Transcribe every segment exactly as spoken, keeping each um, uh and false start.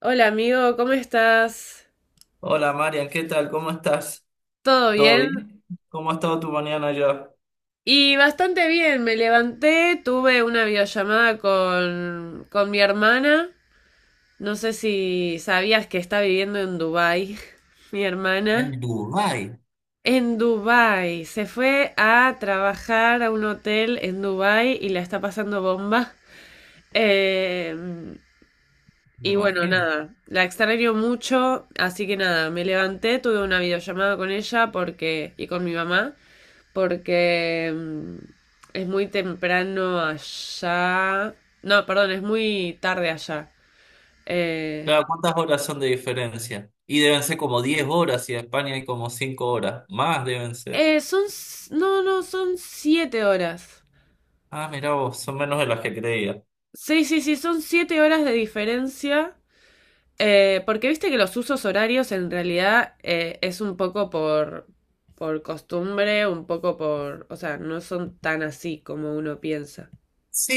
Hola amigo, ¿cómo estás? Hola Marian, ¿qué tal? ¿Cómo estás? ¿Todo ¿Todo bien? bien? ¿Cómo ha estado tu mañana allá? Y bastante bien, me levanté, tuve una videollamada con, con mi hermana. No sé si sabías que está viviendo en Dubái, mi hermana. En Dubái. En Dubái, se fue a trabajar a un hotel en Dubái y la está pasando bomba. Eh, Me y bueno, imagino. nada, la extraño mucho, así que nada, me levanté, tuve una videollamada con ella porque, y con mi mamá. Porque mm, es muy temprano allá. No, perdón, es muy tarde allá. Eh, Claro, ¿cuántas horas son de diferencia? Y deben ser como diez horas y en España hay como cinco horas. Más deben ser. Eh, son... s- No, no, son siete horas. Ah, mirá vos, son menos de las que creía. Sí, sí, sí, son siete horas de diferencia. Eh, porque viste que los usos horarios en realidad, eh, es un poco por, por costumbre, un poco por... O sea, no son tan así como uno piensa. Sí,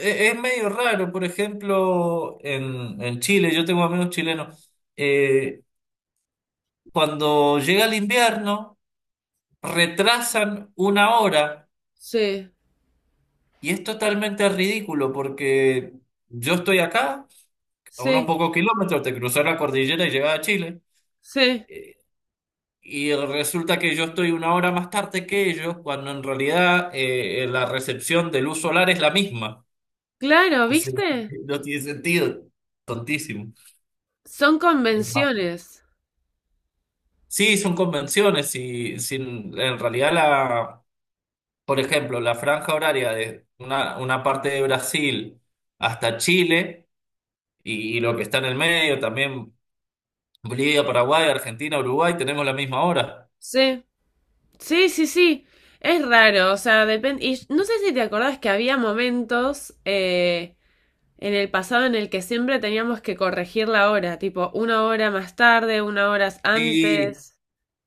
e- es medio raro. Por ejemplo, en, en Chile, yo tengo amigos chilenos. Eh, cuando llega el invierno, retrasan una hora. Sí, Y es totalmente ridículo porque yo estoy acá, a unos sí, pocos kilómetros de cruzar la cordillera y llegar a Chile, sí. eh, y resulta que yo estoy una hora más tarde que ellos, cuando en realidad eh, la recepción de luz solar es la misma. Claro, Entonces, ¿viste? no tiene sentido, tontísimo. Son Es más. convenciones. Sí, son convenciones y sin, en realidad la, por ejemplo, la franja horaria de una, una parte de Brasil hasta Chile y, y lo que está en el medio también Bolivia, Paraguay, Argentina, Uruguay, tenemos la misma hora. Sí, sí, sí, sí. Es raro, o sea, depende. Y no sé si te acordás que había momentos, eh, en el pasado en el que siempre teníamos que corregir la hora, tipo una hora más tarde, una hora Sí, antes.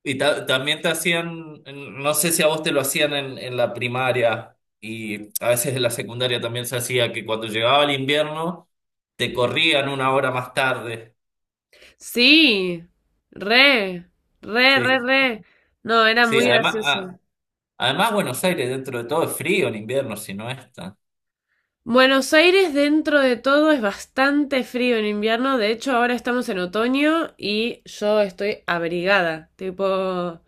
y ta- también te hacían, no sé si a vos te lo hacían en, en la primaria y a veces en la secundaria también se hacía que cuando llegaba el invierno te corrían una hora más tarde. Sí, re, re, re, Sí, re. No, era sí, muy además, gracioso. a- además Buenos Aires dentro de todo es frío en invierno, si no está. Buenos Aires dentro de todo es bastante frío en invierno, de hecho ahora estamos en otoño y yo estoy abrigada, tipo...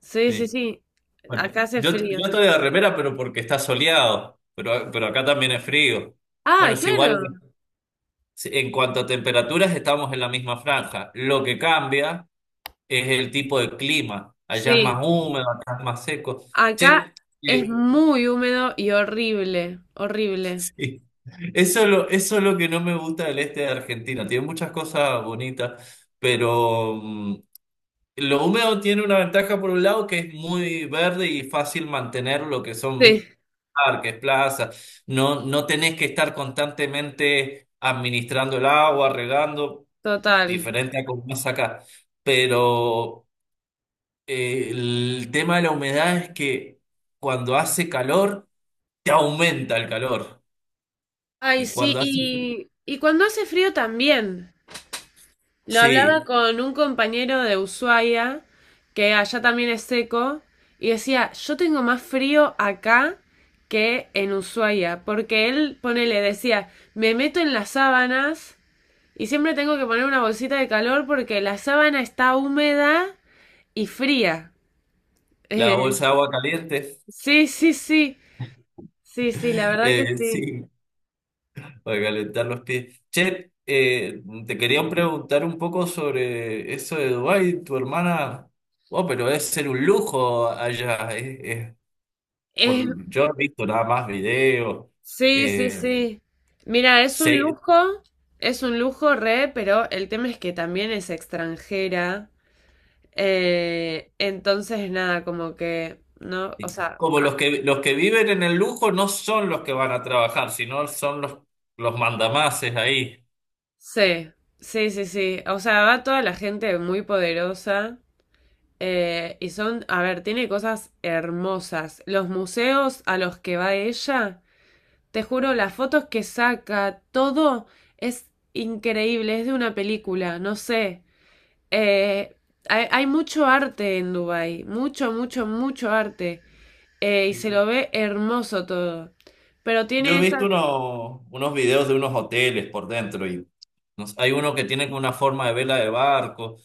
Sí, sí, Sí. sí. Bueno, Acá hace yo, frío. yo estoy de remera, pero porque está soleado, pero, pero acá también es frío. Bueno, Ah, es igual. claro. Sí, en cuanto a temperaturas, estamos en la misma franja. Lo que cambia es el tipo de clima. Allá es más Sí. húmedo, acá es más seco. Che, Acá eh, es muy húmedo y horrible. Horrible. sí. Eso es lo, eso es lo que no me gusta del este de Argentina. Tiene muchas cosas bonitas, pero mm, lo húmedo tiene una ventaja por un lado que es muy verde y fácil mantener lo que Sí, son parques, plazas. No, no tenés que estar constantemente administrando el agua, regando. total. Diferente a como más acá. Pero eh, el tema de la humedad es que cuando hace calor, te aumenta el calor. Ay, Y sí. cuando hace frío, Y, y cuando hace frío también. Lo hablaba sí, con un compañero de Ushuaia, que allá también es seco, y decía, yo tengo más frío acá que en Ushuaia, porque él, ponele, decía, me meto en las sábanas. Y siempre tengo que poner una bolsita de calor porque la sábana está húmeda y fría. la Eh, bolsa de agua caliente, sí, sí, sí. Sí, sí, la verdad que eh, sí. sí, para calentar los pies. Che, eh, te quería preguntar un poco sobre eso de Dubái, tu hermana. Oh, pero debe ser un lujo allá. eh, eh, Es, por, Yo he visto nada más videos. sí, sí, eh, sí. Mira, es un Sé. lujo, es un lujo re, pero el tema es que también es extranjera. Eh, entonces, nada, como que, no, o sea, Como ah, los que, los que viven en el lujo no son los que van a trabajar, sino son los, los mandamases ahí. sí, sí, sí, sí. O sea, va toda la gente muy poderosa. Eh, y son, a ver, tiene cosas hermosas. Los museos a los que va ella, te juro, las fotos que saca, todo es increíble, es de una película, no sé. Eh, hay, hay mucho arte en Dubái, mucho, mucho, mucho arte. Eh, y se Sí. lo ve hermoso todo. Pero Yo he tiene visto esa... unos, unos videos de unos hoteles por dentro y no sé, hay uno que tiene como una forma de vela de barco.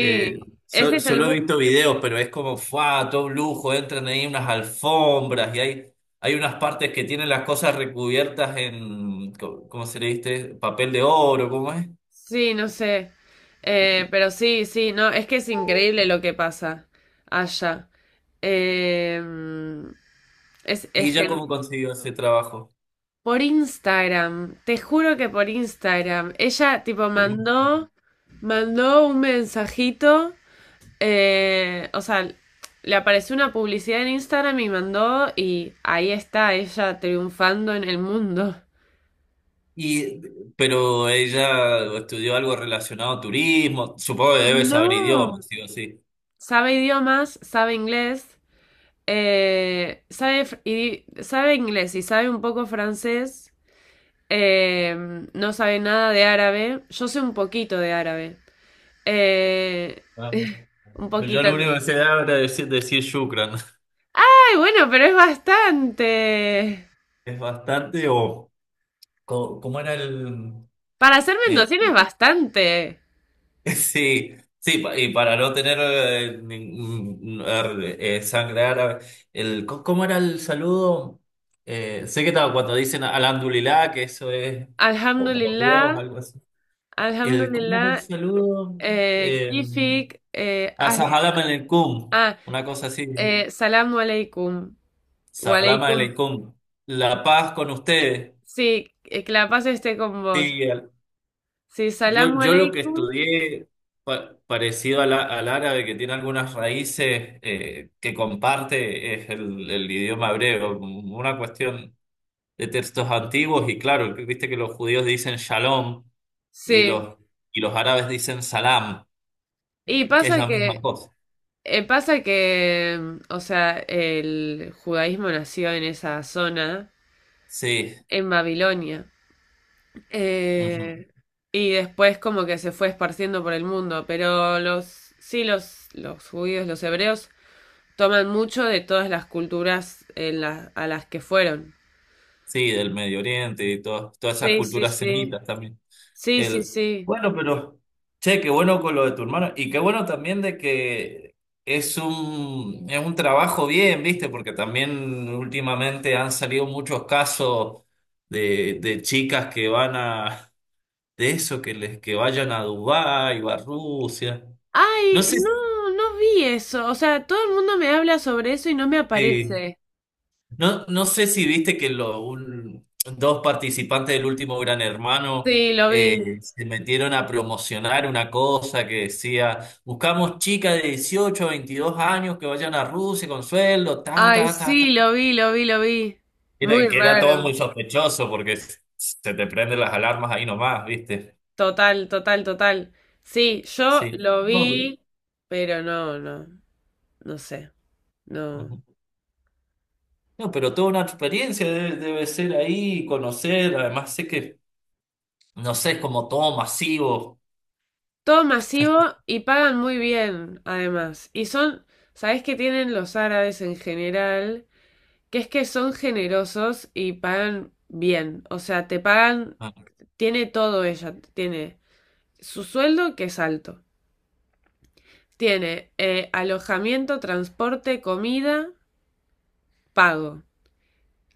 Eh, ese so- es el. Solo he visto videos, pero es como, ¡fua! Todo un lujo, entran ahí unas alfombras y hay, hay unas partes que tienen las cosas recubiertas en, co- ¿cómo se le dice? Papel de oro, ¿cómo es? Sí, no sé. Eh, pero sí, sí, no, es que es increíble lo que pasa allá. Eh, es, es Y ya gen- cómo consiguió ese trabajo. por Instagram, te juro que por Instagram. Ella tipo Buenísimo. mandó, mandó un mensajito, eh, o sea, le apareció una publicidad en Instagram y mandó y ahí está ella triunfando en el mundo. Y, pero ella estudió algo relacionado a turismo, supongo que debe saber No. idiomas, sí o sí. Sabe idiomas, sabe inglés. Eh, sabe, fr- y, sabe inglés y sabe un poco francés. Eh, no sabe nada de árabe. Yo sé un poquito de árabe. Eh, Vamos. un Yo poquito. lo Ay, único que sé era decir, decir shukran. bueno, pero es bastante. Es bastante, o co- ¿cómo era el, Para ser el-? mendocino es bastante. Sí, sí, pa- y para no tener eh, ningún- er, eh, sangre árabe, el, co- ¿cómo era el saludo? Eh, sé que estaba cuando dicen alhamdulillah, que eso es por, por Dios, Alhamdulillah. algo así. El, ¿cómo era el Alhamdulillah. saludo? Eh, Em, Kifik. Eh, Ah, ah, Salam aleikum, ah, una cosa así. Eh, salamu alaikum. Wa Salam alaikum. aleikum. La paz con ustedes. Sí, eh, que la paz esté con vos. Sí, al- Sí, yo, salamu yo lo que alaikum. estudié pa- parecido al, a- al árabe, que tiene algunas raíces eh, que comparte, es el, el idioma hebreo. Una cuestión de textos antiguos y claro, que viste que los judíos dicen shalom y Sí, los, y los árabes dicen salam, que, y que es pasa la misma que, cosa. eh, pasa que, mm, o sea, el judaísmo nació en esa zona, Sí, en Babilonia, ujú. eh, y después como que se fue esparciendo por el mundo, pero los, sí, los, los judíos, los hebreos, toman mucho de todas las culturas en la- a las que fueron. Sí, del Medio Oriente y todas todas esas Sí, sí, culturas sí, semitas también. sí, sí, El, sí. bueno, pero, che, qué bueno con lo de tu hermano y qué bueno también de que es un, es un trabajo bien, ¿viste? Porque también últimamente han salido muchos casos de, de chicas que van a, de eso, que les, que vayan a Dubái o a Rusia. No Ay, sé no, no vi eso, o sea, todo el mundo me habla sobre eso y no me si. aparece. No, no sé si viste que lo- un- dos participantes del último Gran Hermano Sí, lo eh, vi. se metieron a promocionar una cosa que decía, buscamos chicas de dieciocho a veintidós años que vayan a Rusia con sueldo, ta, Ay, ta, ta, ta. sí, lo vi, lo vi, lo vi. Era- Muy que era todo raro. muy sospechoso porque s- se te prenden las alarmas ahí nomás, ¿viste? Total, total, total. Sí, yo Sí. lo No, pero, vi, pero no, no, no sé, no. ujú. No, pero toda una experiencia debe, debe ser ahí, conocer, además sé que, no sé, es como todo masivo. Todo masivo y pagan muy bien, además. Y son, ¿sabés qué tienen los árabes en general? Que es que son generosos y pagan bien. O sea, te pagan, tiene todo ella. Tiene su sueldo, que es alto. Tiene eh, alojamiento, transporte, comida, pago.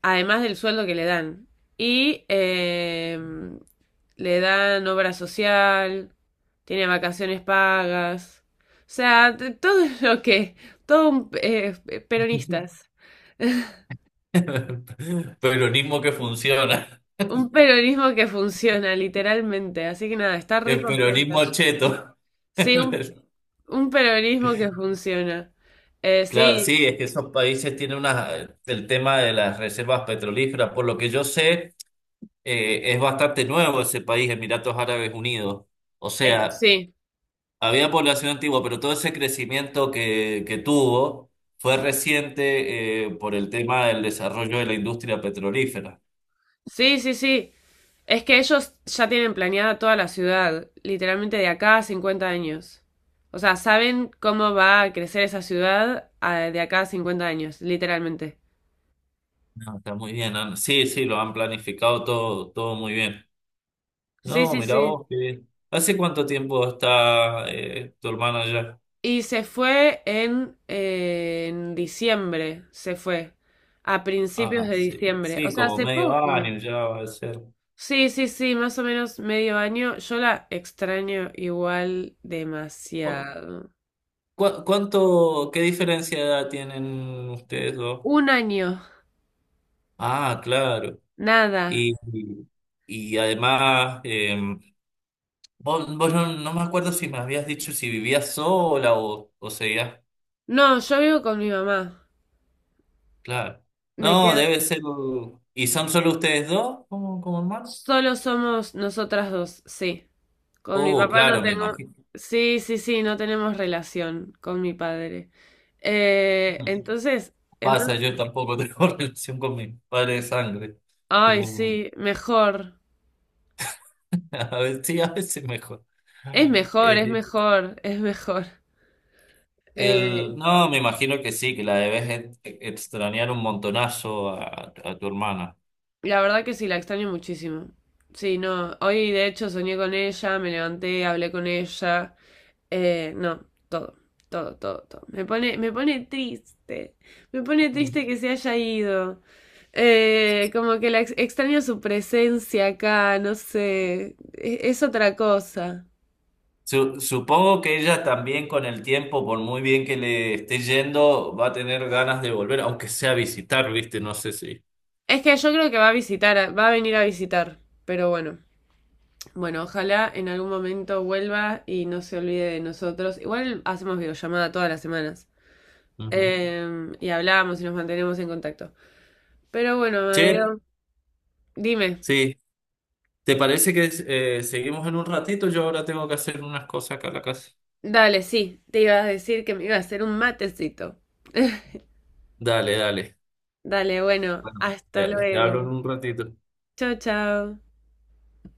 Además del sueldo que le dan. Y eh, le dan obra social, tiene vacaciones pagas. O sea, t- todo lo que, todo un, eh, peronistas. Peronismo que funciona. Un peronismo que funciona, literalmente. Así que nada, está re El contenta. peronismo cheto. Sí, un, un peronismo que funciona. Eh, Claro, sí, sí, es que esos países tienen unas, el tema de las reservas petrolíferas, por lo que yo sé, eh, es bastante nuevo ese país, Emiratos Árabes Unidos. O eh, sea, sí, había población antigua, pero todo ese crecimiento que, que tuvo fue reciente, eh, por el tema del desarrollo de la industria petrolífera. sí, sí, sí. Es que ellos ya tienen planeada toda la ciudad, literalmente de acá a cincuenta años. O sea, saben cómo va a crecer esa ciudad, eh, de acá a cincuenta años, literalmente. No, está muy bien. han- Sí, sí, lo han planificado todo, todo muy bien. Sí, No, sí, mira sí. vos, qué bien. ¿Hace cuánto tiempo está eh, tu hermana allá? Y se fue en, eh, en diciembre, se fue. A principios Ah, de sí, diciembre. O sí, sea, como hace medio poco. año ya va a ser. Sí, sí, sí, más o menos medio año. Yo la extraño igual ¿Cu- demasiado. cu- cuánto, qué diferencia de edad tienen ustedes dos? Un año, Ah, claro. nada. Y, y, y además, eh, vos, vos no, no me acuerdo si me habías dicho si vivías sola o, o seguías. No, yo vivo con mi mamá. Claro. Me No, quedo. debe ser. ¿Y son solo ustedes dos como, como hermanos? Solo somos nosotras dos, sí. Con mi Oh, papá no claro, me tengo... imagino. Sí, sí, sí, no tenemos relación con mi padre. Eh, entonces, Pasa, entonces... yo tampoco tengo relación con mi padre de sangre. Tengo Ay, un- sí, mejor. A veces, sí, a veces mejor. Es mejor, es El, mejor, es mejor. Eh, el- no, me imagino que sí, que la debes ex- extrañar un montonazo a, a tu hermana. la verdad que sí, la extraño muchísimo. Sí, no. Hoy de hecho soñé con ella, me levanté, hablé con ella. Eh, no, todo, todo, todo, todo. Me pone, me pone triste. Me pone triste que se haya ido. Eh, como que la ex- extraño su presencia acá, no sé, e- es, otra cosa. Su- supongo que ella también con el tiempo, por muy bien que le esté yendo, va a tener ganas de volver, aunque sea a visitar, ¿viste? No sé si. Es que yo creo que va a visitar, a- va a venir a visitar, pero bueno, bueno, ojalá en algún momento vuelva y no se olvide de nosotros. Igual hacemos videollamada todas las semanas. Ujú. Eh, y hablamos y nos mantenemos en contacto. Pero bueno, Che, Amadeo, dime, sí, ¿te parece que eh, seguimos en un ratito? Yo ahora tengo que hacer unas cosas acá en la casa. dale, sí, te iba a decir que me iba a hacer un matecito. Dale, dale. Dale, bueno, Bueno, hasta ya, ya hablo luego. en un ratito. Chao, chao.